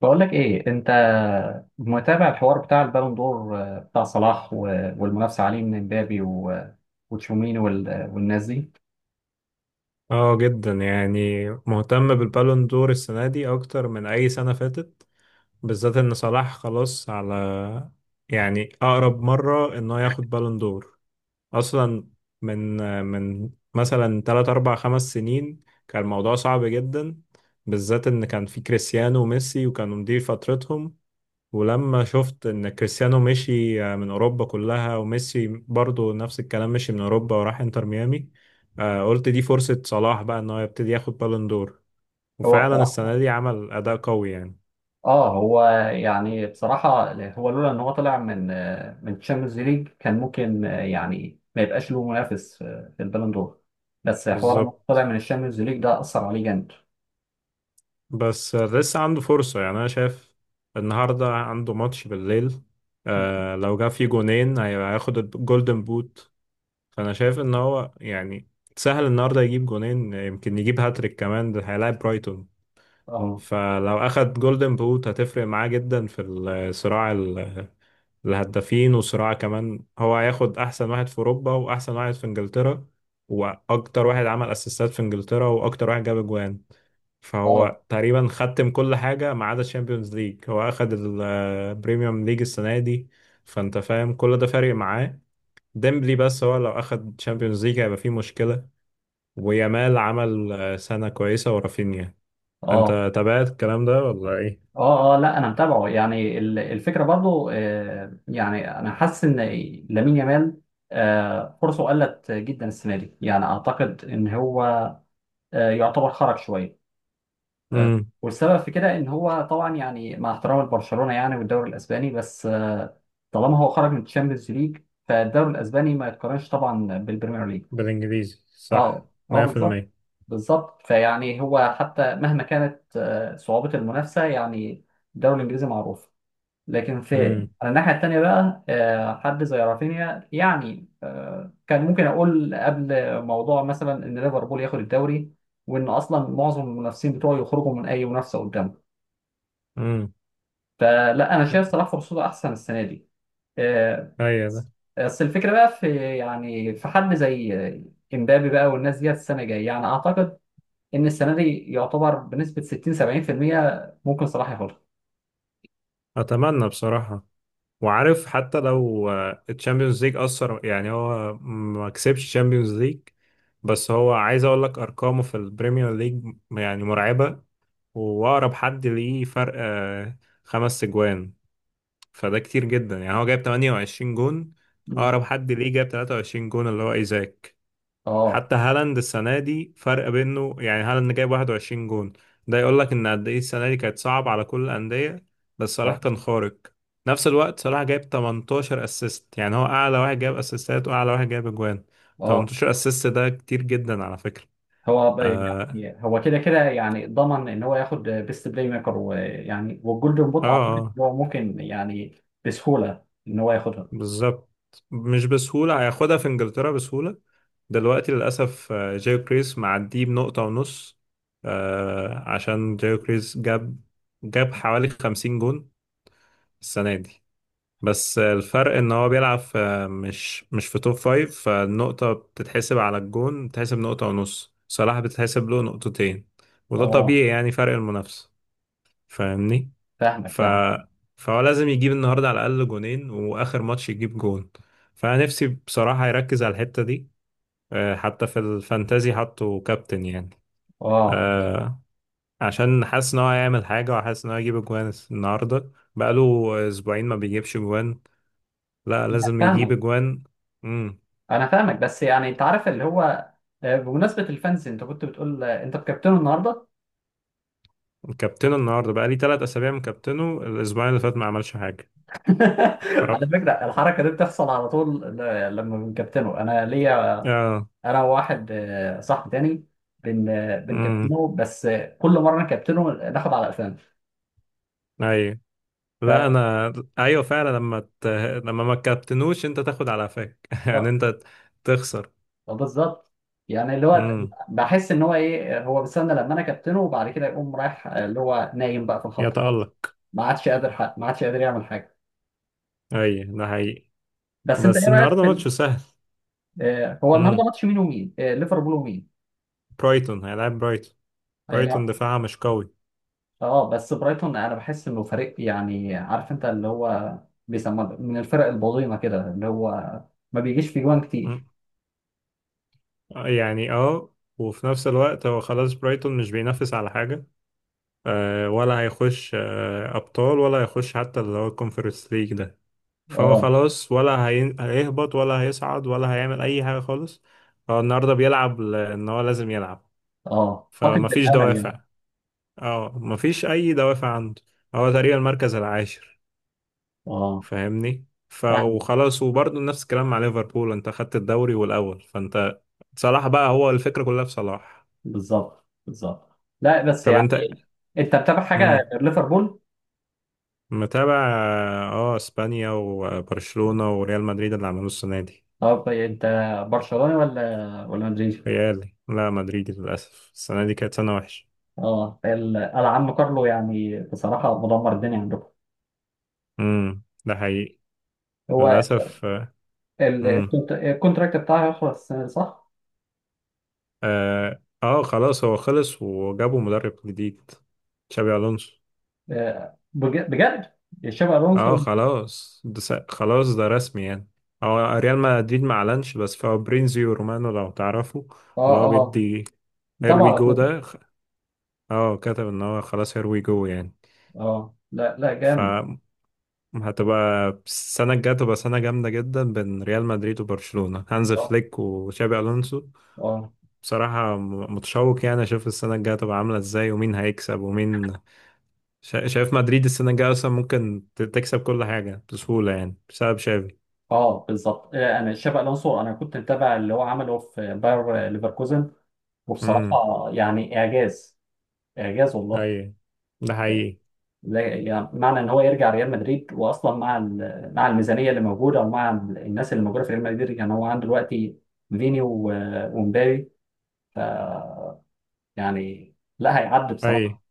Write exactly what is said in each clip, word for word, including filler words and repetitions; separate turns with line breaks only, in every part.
بقول لك ايه انت؟ متابع الحوار بتاع البالون دور، آه، بتاع صلاح و- والمنافسه عليه من امبابي و- وتشوميني وال- والناس دي.
اه، جدا يعني مهتم بالبالون دور السنة دي أكتر من أي سنة فاتت، بالذات إن صلاح خلاص على، يعني أقرب مرة إنه ياخد بالون دور أصلا. من من مثلا تلات أربع خمس سنين كان الموضوع صعب جدا، بالذات إن كان في كريستيانو وميسي وكانوا مدير فترتهم. ولما شفت ان كريستيانو مشي، آه، من اوروبا كلها، وميسي برضو نفس الكلام مشي من اوروبا وراح انتر ميامي. آه، قلت دي فرصة صلاح بقى ان هو يبتدي ياخد بالون دور.
هو
وفعلا السنة
بصراحه
دي عمل اداء قوي يعني.
اه هو، يعني بصراحه هو لولا ان هو طلع من آه، من تشامبيونز ليج كان ممكن، آه، يعني ما يبقاش له منافس آه، في البالون دور. بس حوار ان هو طلع
بالظبط.
من الشامبيونز ليج ده اثر عليه جامد.
بس آه، لسه عنده فرصة، يعني انا شايف النهاردة عنده ماتش بالليل. آه، لو جاب فيه جونين هي- هياخد الجولدن بوت. فانا شايف ان هو يعني سهل النهارده يجيب جونين، يمكن يجيب هاتريك كمان، ده هيلاعب برايتون.
اه،
فلو أخد جولدن بوت هتفرق معاه جدا في الصراع، ال- الهدافين، وصراع كمان هو هياخد أحسن واحد في أوروبا وأحسن واحد في إنجلترا وأكتر واحد عمل أسيستات في إنجلترا وأكتر واحد جاب أجوان.
اه،
فهو تقريبا ختم كل حاجة ما عدا الشامبيونز ليج، هو أخد البريميوم ليج السنة دي. فأنت فاهم كل ده فارق معاه ديمبلي. بس هو لو أخد تشامبيونز ليج هيبقى فيه مشكلة. ويامال عمل آه، سنة كويسة ورافينيا.
اه،
أنت تابعت الكلام ده ولا إيه؟
اه، اه، لا انا متابعه، يعني ال- الفكره برضو، آه، يعني انا حاسس ان لامين يامال آه، فرصه قلت جدا السنه دي، يعني اعتقد ان هو آه، يعتبر خرج شويه. آه،
امم.
والسبب في كده ان هو طبعا يعني، مع احترام البرشلونه يعني والدوري الاسباني، بس آه، طالما هو خرج من الشامبيونز ليج، فالدوري الاسباني ما يتقارنش طبعا بالبريمير ليج.
بالانجليزي صح.
اه اه، بالظبط
مية في المية.
بالظبط. فيعني هو حتى مهما كانت آه، صعوبه المنافسه، يعني الدوري الانجليزي معروف، لكن في
امم.
على الناحية التانية بقى آه، حد زي رافينيا يعني، آه، كان ممكن أقول قبل، موضوع مثلا إن ليفربول ياخد الدوري وإن أصلا معظم المنافسين بتوعه يخرجوا من أي منافسة قدامه.
امم.
فلا، أنا شايف صلاح فرصته أحسن السنة دي. آه،
ايوه ده.
بس الفكرة بقى في، يعني في حد زي امبابي بقى والناس ديت السنة الجاية، يعني أعتقد إن السنة دي يعتبر بنسبة ستين سبعين في المية ممكن صلاح ياخدها.
اتمنى بصراحة. وعارف حتى لو الشامبيونز ليج اثر، يعني هو ما كسبش الشامبيونز ليج، بس هو عايز اقول لك ارقامه في البريمير ليج يعني مرعبة. واقرب حد ليه فرق، آه، خمس اجوان. فده كتير جدا، يعني هو جايب 28 جون.
مم.
اقرب حد ليه جاب 23 جون اللي هو ايزاك.
اه
حتى هالاند السنة دي فرق بينه، يعني هالاند جايب 21 جون. ده يقول لك ان قد ايه السنة دي كانت صعبة على كل الأندية، بس صلاح كان خارق. نفس الوقت صلاح جايب 18 اسيست، يعني هو اعلى واحد جايب اسيستات واعلى واحد جايب اجوان.
اه،
18 اسيست ده كتير جدا على فكرة.
هو ب-
اه،
يعني هو كده كده، يعني ضمن ان هو ياخد بيست بلاي ميكر، ويعني والجولدن
اه،
بوت اعتقد إن
آه.
هو ممكن يعني بسهوله ان هو ياخدها.
بالظبط. مش بسهولة، هياخدها في انجلترا بسهولة. دلوقتي للأسف آه، جايو كريس معديه بنقطة ونص. آه، عشان جايو كريس جاب، جاب حوالي 50 جون السنة دي. بس الفرق ان هو بيلعب في مش مش في توب فايف، فالنقطة بتتحسب على الجون بتتحسب نقطة ونص، صلاح بتتحسب له نقطتين. وده
اه،
طبيعي يعني فرق المنافسة. فاهمني.
فاهمك
ف
فاهم.
فهو لازم يجيب النهاردة على الأقل جونين وآخر ماتش يجيب جون. فأنا نفسي بصراحة يركز على الحتة دي. آه، حتى في الفانتازي حطه كابتن يعني.
اه،
آه، عشان حاسس ان هو هيعمل حاجة، وحاسس ان هو هيجيب اجوان النهاردة، بقاله أسبوعين ما بيجيبش جوان. لا
أنا
لازم يجيب
فاهمك
اجوان. امم.
انا فاهمك بس يعني انت عارف اللي هو، آه، بمناسبه الفانز انت كنت بتقول، آه، انت بكابتنه النهارده.
كابتنه النهارده بقى لي ثلاث اسابيع مكابتنه، الاسبوعين اللي فات ما عملش حاجه. ف...
على فكره الحركه دي بتحصل على طول، ل- لما بنكابتنه انا، ليا
اه.
انا وواحد آه، صاحبي تاني، بن آه،
امم.
بنكابتنه، بس آه، كل مره نكابتنه ناخد على
ايوه. لا
قفانا.
انا. ايوه فعلا لما ت... لما ما كابتنوش انت تاخد على قفاك يعني انت تخسر.
آه، بالظبط، يعني اللي هو
امم.
بحس ان هو ايه، هو بيستنى لما انا كابتنه وبعد كده يقوم رايح، آه، اللي هو نايم بقى في الخط خالص،
يتألق.
ما عادش قادر حق. ما عادش قادر يعمل حاجه.
ايوه ده حقيقي.
بس انت
بس
ايه رايك
النهارده
في ال-
ماتش سهل.
آه، هو النهارده
امم.
ماتش مين ومين، آه، ليفربول ومين
برايتون هيلعب برايتون. برايتون
هيلعب؟
دفاعها مش قوي.
اه، بس برايتون انا بحس انه فريق، يعني عارف انت اللي هو بيسموه من الفرق البظيمه كده، اللي هو ما بيجيش في جوان
مم.
كتير.
يعني اه، وفي نفس الوقت هو خلاص برايتون مش بينافس على حاجة، آه، ولا هيخش آه، أبطال، ولا هيخش حتى اللي هو الكونفرنس ليج ده. فهو
اه
خلاص، ولا هي- هيهبط ولا هيصعد ولا هيعمل أي حاجة خالص. هو النهاردة بيلعب لأن هو لازم يلعب.
اه، فاقد
فمفيش
الامل يعني.
دوافع. اه مفيش أي دوافع عنده. هو تقريبا المركز العاشر.
اه
فاهمني. ف
يعني
وخلاص، وبرضه نفس الكلام مع ليفربول، انت خدت الدوري والأول فانت. صلاح بقى هو الفكرة كلها في صلاح.
بالظبط بالظبط. لا بس
طب انت.
يعني، انت بتابع حاجه
مم.
غير ليفربول؟
متابع. اه، اسبانيا وبرشلونة وريال مدريد اللي عملوه السنة دي.
طب انت برشلوني ولا ولا مدريدي؟
ريال، لا مدريد، للأسف السنة دي كانت سنة وحشة.
اه، ال- العم كارلو يعني بصراحه مدمر الدنيا عندكم.
امم، ده حقيقي.
هو
للأسف.
ال-
امم.
الكونت- الكونتراكت بتاعه هيخلص السنه دي صح؟
اه آه، خلاص هو خلص وجابوا مدرب جديد، تشابي ألونسو.
آه، بج- بجد شابي الونسو؟
اه خلاص ده س- خلاص ده رسمي يعني. هو ريال مدريد ما اعلنش، بس فابريزيو رومانو لو تعرفوا اللي
اه
هو
اه،
بيدي هير
متابعه
وي
على
جو،
تويتر.
ده خ- اه كتب ان هو خلاص هير وي جو يعني.
اه لا لا،
ف
جامد.
هتبقى السنة الجاية تبقى سنة جامدة جدا بين ريال مدريد وبرشلونة، هانز
اه
فليك وشابي ألونسو.
اه
بصراحة م- متشوق، يعني أشوف السنة الجاية تبقى عاملة إزاي ومين هيكسب ومين. شا- شايف مدريد السنة الجاية أصلا ممكن ت- تكسب كل حاجة بسهولة يعني بسبب شابي.
اه، بالظبط. آه، انا شابي الونسو، انا كنت متابع اللي هو عمله في باير ليفركوزن،
امم.
وبصراحه يعني اعجاز، اعجاز والله.
أي ده حقيقي.
لا- يعني، معنى ان هو يرجع ريال مدريد، واصلا مع ال- مع الميزانيه اللي موجوده، او مع ال- الناس اللي موجوده في ريال مدريد، يعني هو عنده دلوقتي فيني و- ومبابي. ف يعني، لا هيعدي
أي.
بصراحه.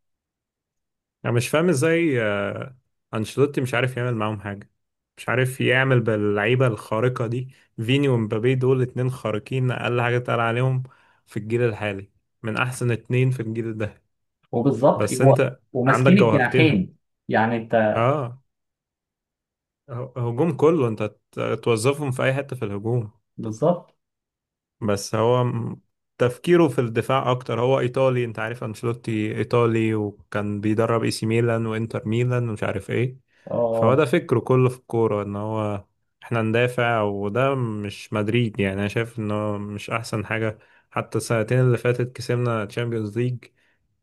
انا مش فاهم ازاي، آه، انشيلوتي مش عارف يعمل معاهم حاجه، مش عارف يعمل باللعيبه الخارقه دي. فيني ومبابي دول اتنين خارقين، اقل حاجه تقال عليهم في الجيل الحالي، من احسن اتنين في الجيل ده.
وبالظبط
بس
هو
انت عندك
وماسكين
جوهرتين.
الجناحين، يعني انت،
اه ه- هجوم كله، انت ت- توظفهم في اي حته في الهجوم.
بالظبط.
بس هو م- تفكيره في الدفاع اكتر، هو ايطالي، انت عارف انشيلوتي ايطالي وكان بيدرب اي سي ميلان وانتر ميلان ومش عارف ايه. فهو
اه
ده فكره كله في الكوره، ان هو احنا ندافع، وده مش مدريد، يعني انا شايف انه مش احسن حاجه. حتى السنتين اللي فاتت كسبنا تشامبيونز ليج.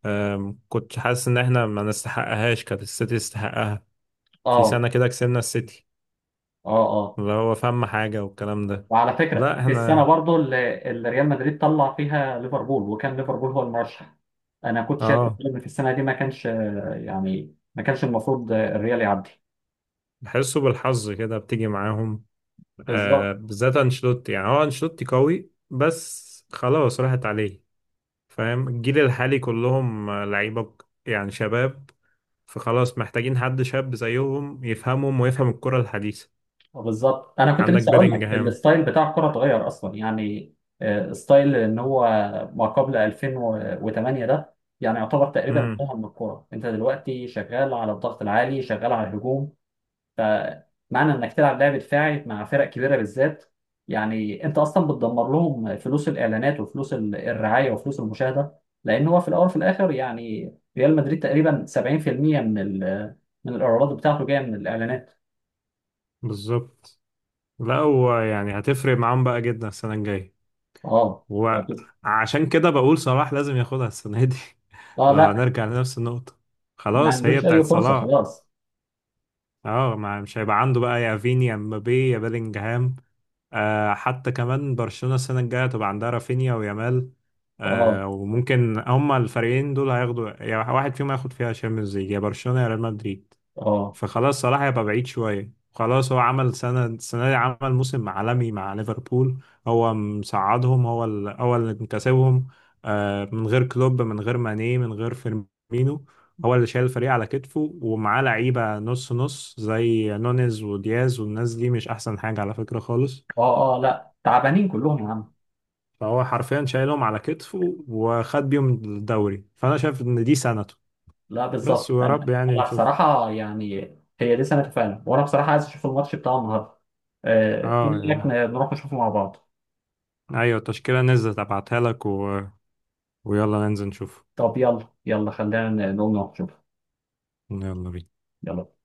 أم، كنت حاسس ان احنا ما نستحقهاش، كانت السيتي تستحقها. في
اه
سنه كده كسبنا السيتي
اه اه.
اللي هو فهم حاجه والكلام ده.
وعلى فكره
لا
في السنه
احنا.
برضو اللي اللي ريال مدريد طلع فيها ليفربول، وكان ليفربول هو المرشح، انا كنت شايف
اه،
ان في السنه دي ما كانش، آه، يعني ما كانش المفروض آه، الريال يعدي.
بحسه بالحظ كده بتيجي معاهم، آه
بالظبط
بالذات انشيلوتي، يعني هو انشيلوتي قوي بس خلاص راحت عليه. فاهم، الجيل الحالي كلهم آه، لعيبة ك- يعني شباب. فخلاص محتاجين حد شاب زيهم يفهمهم ويفهم الكرة الحديثة.
بالظبط. انا كنت
عندك
لسه اقول لك،
بيلينجهام.
الستايل بتاع الكره اتغير اصلا يعني، آه، ستايل ان هو ما قبل ألفين وثمانية ده يعني يعتبر تقريبا
امم.
انتهى من الكره. انت دلوقتي شغال على الضغط العالي، شغال على الهجوم. فمعنى انك تلعب لعب دفاعي مع فرق كبيره بالذات، يعني انت اصلا بتدمر لهم فلوس الاعلانات وفلوس ال- الرعايه وفلوس المشاهده، لان هو في الاول وفي الاخر يعني ريال مدريد تقريبا سبعين في المية من ال- من الايرادات بتاعته جايه من الاعلانات.
بالظبط. لا هو يعني هتفرق معاهم بقى جدا السنة الجاية،
اه
وعشان كده بقول صلاح لازم ياخدها السنة دي.
اه،
لو
لا
هنرجع لنفس النقطة،
ما
خلاص هي
عندوش اي
بتاعت
فرصه
صلاح.
خلاص.
اه، ما مش هيبقى عنده بقى يا فيني يا مبابي يا بيلينجهام. آه حتى كمان برشلونة السنة الجاية تبقى عندها رافينيا ويامال.
اه
آه، وممكن هما الفريقين دول هياخدوا، يا واحد فيهم هياخد فيها شامبيونز ليج، يا برشلونة يا ريال مدريد.
اه
فخلاص صلاح هيبقى بعيد شوية، خلاص هو عمل سنة السنة دي، عمل موسم عالمي مع ليفربول. هو مساعدهم، هو ال- هو اللي مكسبهم. آه، من غير كلوب من غير ماني من غير فيرمينو. هو اللي شايل الفريق على كتفه، ومعاه لعيبة نص نص زي نونيز ودياز والناس دي مش أحسن حاجة على فكرة خالص.
اه اه، لا تعبانين كلهم يا عم.
فهو حرفيا شايلهم على كتفه وخد بيهم الدوري، فأنا شايف إن دي سنته.
لا
بس
بالظبط،
ويا رب
انا
يعني
انا
نشوف.
بصراحه يعني هي دي سنه فعلا. وانا بصراحه عايز اشوف الماتش بتاع النهارده. آه، ايه
اه
رايك
يعني.
ن- نروح نشوفه مع بعض؟
ايوه التشكيلة نزلت ابعتها لك، ويلا ننزل نشوف.
طب يلا يلا، خلينا ن- نقوم نروح نشوفه.
يلا بينا.
يلا.